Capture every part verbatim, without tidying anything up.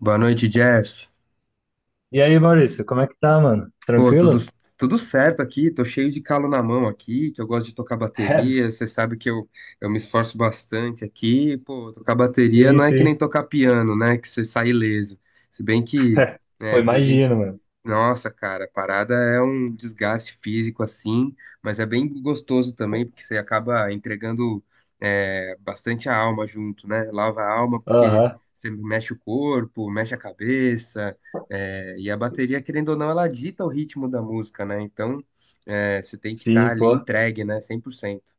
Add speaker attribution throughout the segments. Speaker 1: Boa noite, Jeff.
Speaker 2: E aí, Maurício, como é que tá, mano?
Speaker 1: Pô, tudo,
Speaker 2: Tranquilo?
Speaker 1: tudo certo aqui, tô cheio de calo na mão aqui, que eu gosto de tocar bateria, você sabe que eu, eu me esforço bastante aqui, pô, tocar bateria
Speaker 2: Sim,
Speaker 1: não é que nem
Speaker 2: sim.
Speaker 1: tocar piano, né, que você sai ileso. Se bem que,
Speaker 2: Pô,
Speaker 1: né, tem gente.
Speaker 2: imagino, mano.
Speaker 1: Nossa, cara, a parada é um desgaste físico assim, mas é bem gostoso também, porque você acaba entregando é, bastante a alma junto, né? Lava a alma porque
Speaker 2: Aham,
Speaker 1: você mexe o corpo, mexe a cabeça, é, e a bateria, querendo ou não, ela dita o ritmo da música, né? Então, é, você tem que estar
Speaker 2: sim,
Speaker 1: ali
Speaker 2: pô.
Speaker 1: entregue, né? Cem por cento.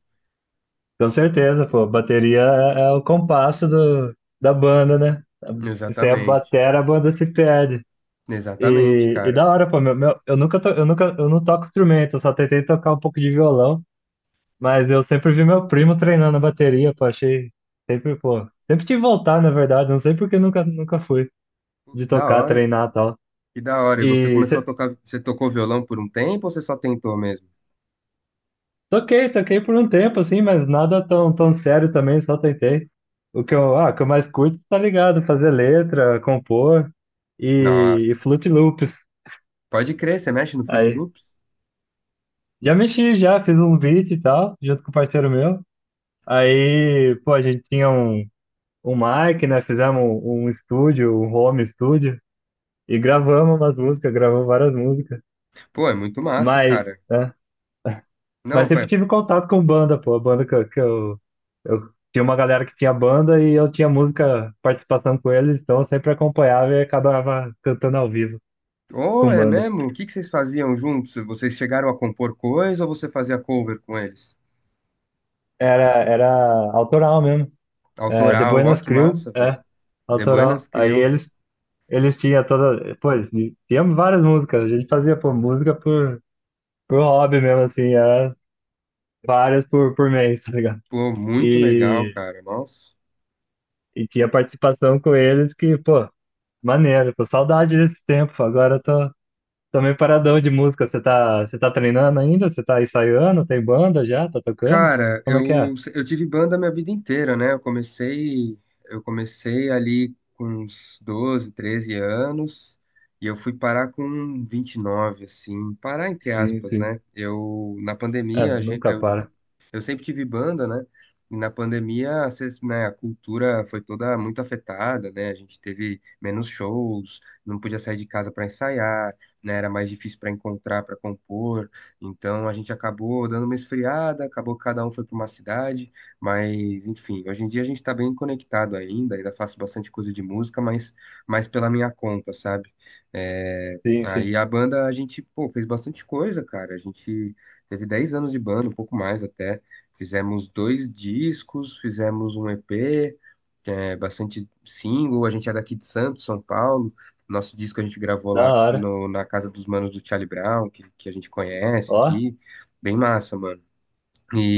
Speaker 2: Com certeza, pô. Bateria é, é o compasso do, da banda, né? Se você é
Speaker 1: Exatamente.
Speaker 2: batera, a banda se perde.
Speaker 1: Exatamente,
Speaker 2: E, e
Speaker 1: cara.
Speaker 2: da hora, pô. Meu, meu- eu nunca to, eu nunca, eu não toco instrumento, eu só tentei tocar um pouco de violão, mas eu sempre vi meu primo treinando a bateria, pô. Achei sempre, pô. Sempre te voltar, na verdade. Não sei porque nunca, nunca fui
Speaker 1: Pô,
Speaker 2: de
Speaker 1: que da
Speaker 2: tocar,
Speaker 1: hora,
Speaker 2: treinar e tal.
Speaker 1: que da hora. E você
Speaker 2: E
Speaker 1: começou a tocar, você tocou violão por um tempo ou você só tentou mesmo?
Speaker 2: toquei, toquei por um tempo, assim, mas nada tão, tão sério também, só tentei. O que eu, ah, o que eu mais curto, tá ligado? Fazer letra, compor
Speaker 1: Nossa.
Speaker 2: e, e Fruit Loops.
Speaker 1: Pode crer, você mexe no Fruit
Speaker 2: Aí,
Speaker 1: Loops?
Speaker 2: já mexi, já fiz um beat e tal, junto com um parceiro meu. Aí, pô, a gente tinha um, um mic, né? Fizemos um, um estúdio, um home estúdio, e gravamos umas músicas, gravamos várias músicas.
Speaker 1: Pô, é muito massa,
Speaker 2: Mas,
Speaker 1: cara.
Speaker 2: né? Mas
Speaker 1: Não,
Speaker 2: sempre
Speaker 1: pai.
Speaker 2: tive contato com banda, pô. A banda que, eu- que eu, eu tinha uma galera que tinha banda e eu tinha música, participação com eles, então eu sempre acompanhava e acabava cantando ao vivo
Speaker 1: Oh,
Speaker 2: com
Speaker 1: é
Speaker 2: banda.
Speaker 1: mesmo? O que que vocês faziam juntos? Vocês chegaram a compor coisa ou você fazia cover com eles?
Speaker 2: Era, era autoral mesmo. É, The
Speaker 1: Autoral, ó,
Speaker 2: Buenas
Speaker 1: que
Speaker 2: Crew,
Speaker 1: massa,
Speaker 2: é,
Speaker 1: velho. The
Speaker 2: autoral.
Speaker 1: Buenas
Speaker 2: Aí
Speaker 1: Crew.
Speaker 2: eles, eles tinham toda. Pô, eles tinham várias músicas. A gente fazia, pô, música por, por hobby mesmo, assim, era várias por, por mês, tá ligado?
Speaker 1: Pô, muito legal,
Speaker 2: E.
Speaker 1: cara. Nossa.
Speaker 2: E tinha participação com eles que, pô, maneiro, pô, saudade desse tempo. Agora eu tô, tô meio paradão de música. Você tá, você tá treinando ainda? Você tá ensaiando? Tem banda já? Tá tocando?
Speaker 1: Cara,
Speaker 2: Como é
Speaker 1: eu,
Speaker 2: que é?
Speaker 1: eu tive banda a minha vida inteira, né? Eu comecei, eu comecei ali com uns doze, treze anos e eu fui parar com vinte e nove, assim, parar entre
Speaker 2: Sim,
Speaker 1: aspas, né?
Speaker 2: sim.
Speaker 1: Eu, na
Speaker 2: É,
Speaker 1: pandemia, a gen-
Speaker 2: nunca
Speaker 1: eu
Speaker 2: para.
Speaker 1: Eu sempre tive banda, né? E na pandemia, a ces- né, a cultura foi toda muito afetada, né? A gente teve menos shows, não podia sair de casa para ensaiar, né? Era mais difícil para encontrar, para compor. Então a gente acabou dando uma esfriada, acabou que cada um foi para uma cidade, mas enfim, hoje em dia a gente está bem conectado ainda, ainda faço bastante coisa de música, mas mais pela minha conta, sabe? É,
Speaker 2: Sim,
Speaker 1: aí
Speaker 2: sim.
Speaker 1: a banda a gente, pô, fez bastante coisa, cara. A gente teve dez anos de banda, um pouco mais até. Fizemos dois discos, fizemos um E P, é, bastante single. A gente é daqui de Santos, São Paulo. Nosso disco a gente gravou
Speaker 2: Da
Speaker 1: lá
Speaker 2: hora.
Speaker 1: no- na casa dos manos do Charlie Brown, que, que a gente conhece
Speaker 2: Ó,
Speaker 1: aqui. Bem massa, mano.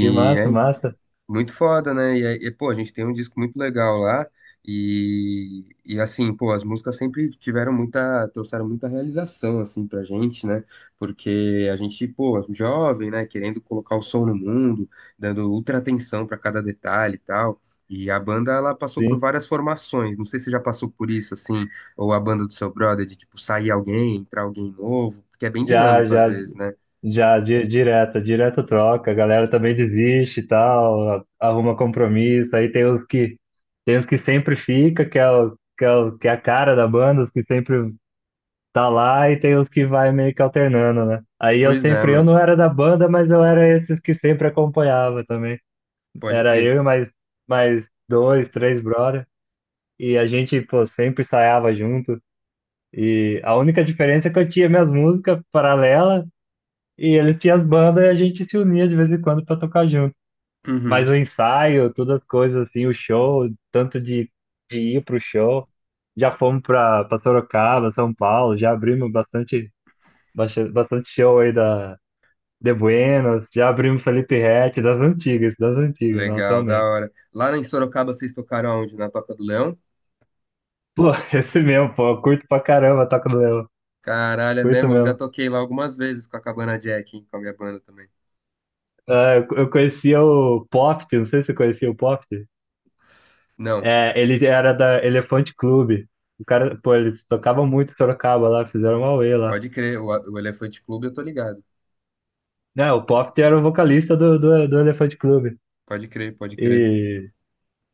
Speaker 2: que massa,
Speaker 1: é
Speaker 2: massa.
Speaker 1: muito foda, né? E, aí, e, pô, a gente tem um disco muito legal lá. E, e assim, pô, as músicas sempre tiveram muita, trouxeram muita realização, assim, pra gente, né? Porque a gente, pô, jovem, né? Querendo colocar o som no mundo, dando ultra atenção pra cada detalhe e tal. E a banda, ela passou por
Speaker 2: Sim.
Speaker 1: várias formações. Não sei se você já passou por isso, assim, ou a banda do seu brother, de, tipo, sair alguém, entrar alguém novo, porque é bem
Speaker 2: Já,
Speaker 1: dinâmico às
Speaker 2: já,
Speaker 1: vezes, né?
Speaker 2: já, di- direta direto troca, a galera também desiste e tal, arruma compromisso, aí tem os que, tem os que sempre fica, que é, o, que, é o- que é a cara da banda, os que sempre tá lá, e tem os que vai meio que alternando, né? Aí eu
Speaker 1: Pois é,
Speaker 2: sempre, eu
Speaker 1: mano.
Speaker 2: não era da banda, mas eu era esses que sempre acompanhava também.
Speaker 1: Pode
Speaker 2: Era eu
Speaker 1: crer.
Speaker 2: e mais, mais dois, três brother, e a gente, pô, sempre ensaiava junto, e a única diferença é que eu tinha minhas músicas paralelas, e eles tinham as bandas e a gente se unia de vez em quando para tocar junto. Mas
Speaker 1: Uhum.
Speaker 2: o ensaio, todas as coisas assim, o show, tanto de, de ir pro show, já fomos para Sorocaba, São Paulo, já abrimos bastante, bastante, bastante show aí da de Buenos, já abrimos Felipe Ret, das antigas, das antigas, não
Speaker 1: Legal, da
Speaker 2: atualmente.
Speaker 1: hora. Lá em Sorocaba vocês tocaram aonde? Na Toca do Leão?
Speaker 2: Pô, esse mesmo, pô, eu curto pra caramba, Toca do Leão,
Speaker 1: Caralho, é
Speaker 2: curto
Speaker 1: mesmo? Eu já
Speaker 2: mesmo.
Speaker 1: toquei lá algumas vezes com a Cabana Jack, hein, com a minha banda também.
Speaker 2: Ah, eu eu conhecia o Poft, não sei se você conhecia o Poft.
Speaker 1: Não,
Speaker 2: É, ele era da Elefante Clube. O cara, pô, eles tocavam muito em Sorocaba lá, fizeram uma auê lá.
Speaker 1: pode crer. O, o Elefante Clube eu tô ligado.
Speaker 2: Né, o Pop era o vocalista do, do, do Elefante Clube.
Speaker 1: Pode crer, pode crer.
Speaker 2: E,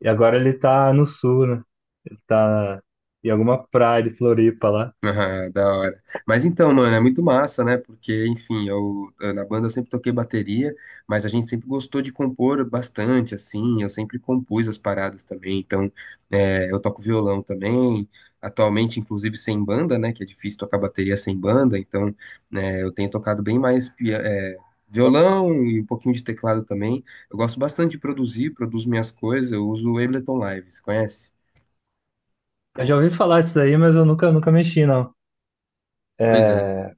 Speaker 2: e agora ele tá no sul, né? Ele tá em alguma praia de Floripa lá.
Speaker 1: Ah, da hora. Mas então, mano, é muito massa, né? Porque, enfim, eu, eh, na banda eu sempre toquei bateria, mas a gente sempre gostou de compor bastante, assim. Eu sempre compus as paradas também. Então, eh, eu toco violão também. Atualmente, inclusive, sem banda, né? Que é difícil tocar bateria sem banda. Então, né, eu tenho tocado bem mais, pia- eh, violão e um pouquinho de teclado também. Eu gosto bastante de produzir, produzo minhas coisas. Eu uso o Ableton Live, você conhece?
Speaker 2: Eu já ouvi falar disso aí, mas eu nunca, nunca mexi, não.
Speaker 1: Pois é.
Speaker 2: É,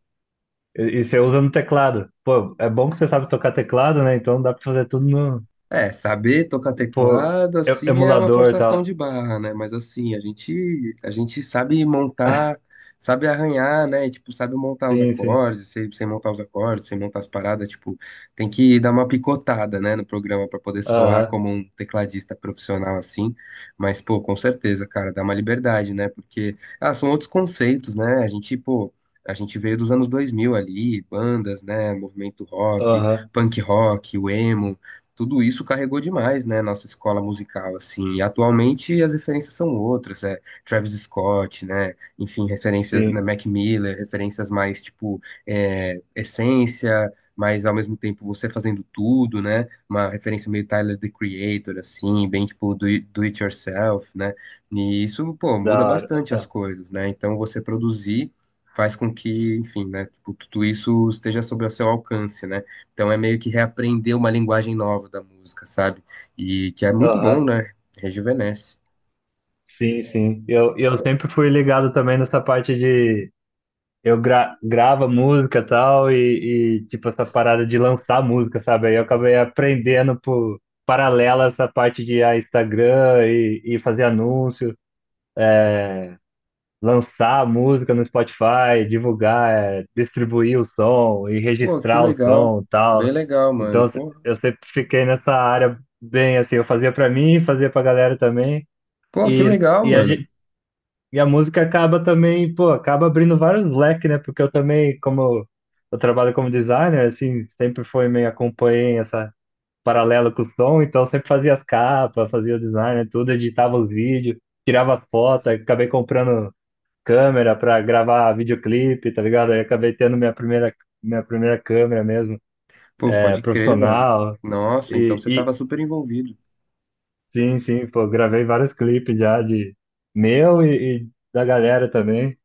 Speaker 2: e e você usa no teclado. Pô, é bom que você sabe tocar teclado, né? Então dá pra fazer tudo no,
Speaker 1: É, saber tocar
Speaker 2: pô,
Speaker 1: teclado,
Speaker 2: e-
Speaker 1: assim, é uma
Speaker 2: emulador e
Speaker 1: forçação
Speaker 2: tal.
Speaker 1: de barra, né? Mas assim, a gente, a gente sabe montar, sabe arranhar, né? E, tipo, sabe montar os
Speaker 2: Sim, sim.
Speaker 1: acordes, sem, sem montar os acordes, sem montar as paradas, tipo, tem que dar uma picotada, né, no programa pra poder soar
Speaker 2: Aham,
Speaker 1: como um tecladista profissional, assim. Mas, pô, com certeza, cara, dá uma liberdade, né? Porque, ah, são outros conceitos, né? A gente, pô, a gente veio dos anos dois mil ali, bandas, né? Movimento rock,
Speaker 2: aham.
Speaker 1: punk rock, o emo tudo isso carregou demais, né, nossa escola musical, assim, e atualmente as referências são outras, é Travis Scott, né, enfim, referências, né,
Speaker 2: Sim,
Speaker 1: Mac Miller, referências mais, tipo, é, essência, mas ao mesmo tempo você fazendo tudo, né, uma referência meio Tyler, The Creator, assim, bem, tipo, do, it- do it yourself, né, e isso, pô,
Speaker 2: da
Speaker 1: muda bastante as
Speaker 2: hora.
Speaker 1: coisas, né, então você produzir faz com que, enfim, né, tipo, tudo isso esteja sob o seu alcance, né, então é meio que reaprender uma linguagem nova da música, sabe? E que é muito bom,
Speaker 2: Aham,
Speaker 1: né? Rejuvenesce.
Speaker 2: sim, sim. Eu, eu sempre fui ligado também nessa parte de eu gra grava música e tal, e, e, tipo essa parada de lançar música, sabe? Aí eu acabei aprendendo por paralela essa parte de ah, Instagram e, e fazer anúncio, lançar música no Spotify, divulgar, eh, distribuir o som e
Speaker 1: Pô, que
Speaker 2: registrar o
Speaker 1: legal.
Speaker 2: som e
Speaker 1: Bem
Speaker 2: tal.
Speaker 1: legal, mano.
Speaker 2: Então
Speaker 1: Porra.
Speaker 2: eu sempre fiquei nessa área bem assim, eu fazia pra mim, fazia pra galera também.
Speaker 1: Pô, que
Speaker 2: E,
Speaker 1: legal,
Speaker 2: e a,
Speaker 1: mano.
Speaker 2: gen- e a música acaba também, pô, acaba abrindo vários leques, né? Porque eu também, como eu, eu trabalho como designer, assim, sempre foi meio acompanhei essa paralelo com o som, então eu sempre fazia as capas, fazia o design, né, tudo, editava os vídeos, tirava foto, aí acabei comprando câmera para gravar videoclipe, tá ligado? Aí acabei tendo minha primeira minha primeira câmera mesmo,
Speaker 1: Pô,
Speaker 2: é,
Speaker 1: pode crer, velho.
Speaker 2: profissional.
Speaker 1: Nossa, então
Speaker 2: E,
Speaker 1: você
Speaker 2: e
Speaker 1: tava super envolvido.
Speaker 2: sim, sim, pô, gravei vários clipes já de meu e, e da galera também.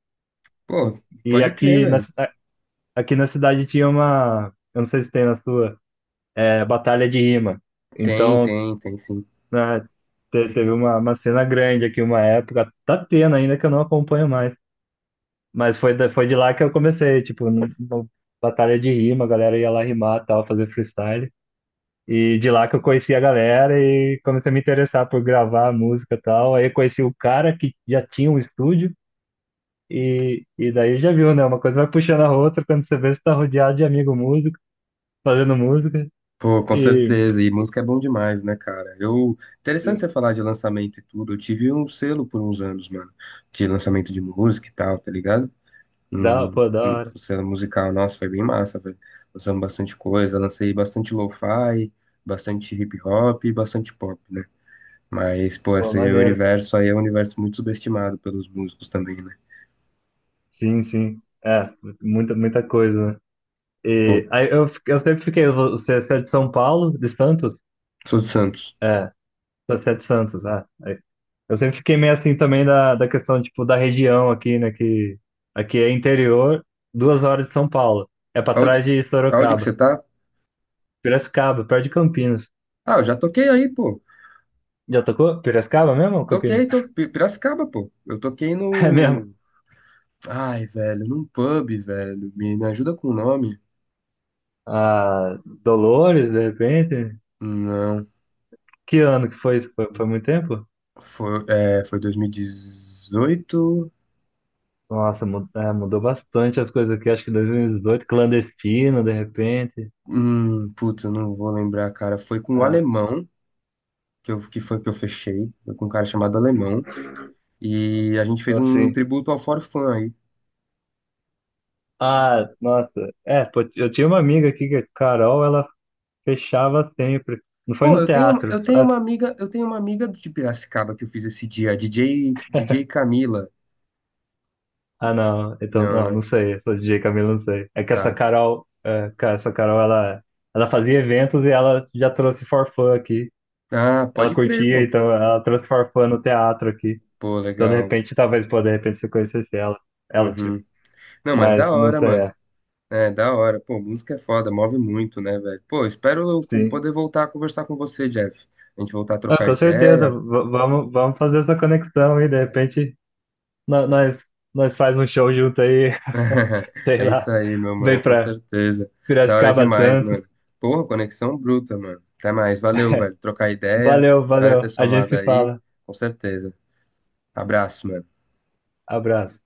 Speaker 1: Pô,
Speaker 2: E
Speaker 1: pode crer,
Speaker 2: aqui na,
Speaker 1: velho.
Speaker 2: ci- aqui na cidade tinha uma, eu não sei se tem na sua, é, batalha de rima.
Speaker 1: Tem,
Speaker 2: Então,
Speaker 1: tem, tem sim.
Speaker 2: né, te- teve uma, uma cena grande aqui, uma época, tá tendo ainda que eu não acompanho mais. Mas foi, da- foi de lá que eu comecei, tipo, no- no- batalha de rima, a galera ia lá rimar, tal, fazer freestyle. E de lá que eu conheci a galera e comecei a me interessar por gravar música e tal. Aí eu conheci o cara que já tinha um estúdio e, e daí já viu, né? Uma coisa vai puxando a outra quando você vê você tá rodeado de amigo músico, fazendo música.
Speaker 1: Pô, com
Speaker 2: E,
Speaker 1: certeza. E música é bom demais, né, cara? Eu. Interessante
Speaker 2: e
Speaker 1: você falar de lançamento e tudo. Eu tive um selo por uns anos, mano, de lançamento de música e tal, tá ligado?
Speaker 2: da,
Speaker 1: Hum,
Speaker 2: pô, da
Speaker 1: hum,
Speaker 2: hora.
Speaker 1: cena musical, nossa, foi bem massa, velho. Lançamos bastante coisa, lancei bastante lo-fi, bastante hip hop e bastante pop, né? Mas, pô,
Speaker 2: Pô,
Speaker 1: esse aí é o
Speaker 2: maneiro.
Speaker 1: universo aí é um universo muito subestimado pelos músicos também, né?
Speaker 2: Sim, sim. É, muita, muita coisa, né?
Speaker 1: Pô,
Speaker 2: E aí eu, fi- eu sempre fiquei, você você é de São Paulo, de Santos?
Speaker 1: sou de Santos.
Speaker 2: É, você é de Santos, ah. Aí. Eu sempre fiquei meio assim também da, da questão, tipo, da região aqui, né? Que aqui é interior, duas horas de São Paulo. É pra trás
Speaker 1: Aonde,
Speaker 2: de
Speaker 1: aonde que você
Speaker 2: Sorocaba.
Speaker 1: tá?
Speaker 2: Piracicaba, perto de Campinas.
Speaker 1: Ah, eu já toquei aí, pô.
Speaker 2: Já tocou? Piracicaba mesmo ou Campinas?
Speaker 1: Toquei, tô, Pi- Piracicaba, pô. Eu toquei
Speaker 2: É mesmo?
Speaker 1: no. Ai, velho, num pub, velho. Me, me ajuda com o nome?
Speaker 2: Ah, Dolores, de repente?
Speaker 1: Não.
Speaker 2: Que ano que foi isso? Foi, foi muito tempo?
Speaker 1: Foi, é, foi dois mil e dezoito.
Speaker 2: Nossa, mu- é, mudou bastante as coisas aqui. Acho que dois mil e dezoito, clandestino, de repente.
Speaker 1: Hum, putz, eu não vou lembrar, cara. Foi com o
Speaker 2: Ah,
Speaker 1: Alemão que, eu, que foi que eu fechei. Foi com um cara chamado Alemão. E a gente
Speaker 2: então,
Speaker 1: fez um
Speaker 2: assim.
Speaker 1: tributo ao For Fun aí.
Speaker 2: Ah, nossa. É, pô, eu tinha uma amiga aqui, que a Carol, ela fechava sempre. Não foi
Speaker 1: Pô,
Speaker 2: no
Speaker 1: eu tenho,
Speaker 2: teatro.
Speaker 1: eu tenho
Speaker 2: Ah,
Speaker 1: uma amiga, eu tenho uma amiga de Piracicaba que eu fiz esse dia, D J, D J Camila.
Speaker 2: ah, não. Então,
Speaker 1: Não,
Speaker 2: não,
Speaker 1: né?
Speaker 2: não sei. Essa D J. Camila, não sei. É que essa
Speaker 1: Tá.
Speaker 2: Carol, é, ca- essa Carol, ela, ela fazia eventos e ela já trouxe forfã aqui.
Speaker 1: Ah,
Speaker 2: Ela
Speaker 1: pode crer,
Speaker 2: curtia,
Speaker 1: pô.
Speaker 2: então ela trouxe forfã no teatro aqui.
Speaker 1: Pô,
Speaker 2: Então, de
Speaker 1: legal.
Speaker 2: repente, talvez, pô, de repente, se eu conhecesse ela, ela, tipo,
Speaker 1: Uhum. Não, mas da
Speaker 2: mas não
Speaker 1: hora,
Speaker 2: sei,
Speaker 1: mano.
Speaker 2: é,
Speaker 1: É, da hora. Pô, música é foda, move muito, né, velho? Pô, espero eu
Speaker 2: sim.
Speaker 1: poder voltar a conversar com você, Jeff. A gente voltar a
Speaker 2: Ah,
Speaker 1: trocar
Speaker 2: com certeza,
Speaker 1: ideia.
Speaker 2: v- vamos, vamos fazer essa conexão e, de repente, no- nós, nós faz um show junto aí, sei
Speaker 1: É isso
Speaker 2: lá,
Speaker 1: aí, meu
Speaker 2: vem
Speaker 1: mano, com
Speaker 2: pra
Speaker 1: certeza. Da hora
Speaker 2: Piracicaba,
Speaker 1: demais,
Speaker 2: Santos.
Speaker 1: mano. Porra, conexão bruta, mano. Até mais. Valeu, velho. Trocar ideia.
Speaker 2: Valeu,
Speaker 1: Espero
Speaker 2: valeu,
Speaker 1: ter
Speaker 2: a gente
Speaker 1: somado
Speaker 2: se
Speaker 1: aí.
Speaker 2: fala.
Speaker 1: Com certeza. Abraço, mano.
Speaker 2: Abraço.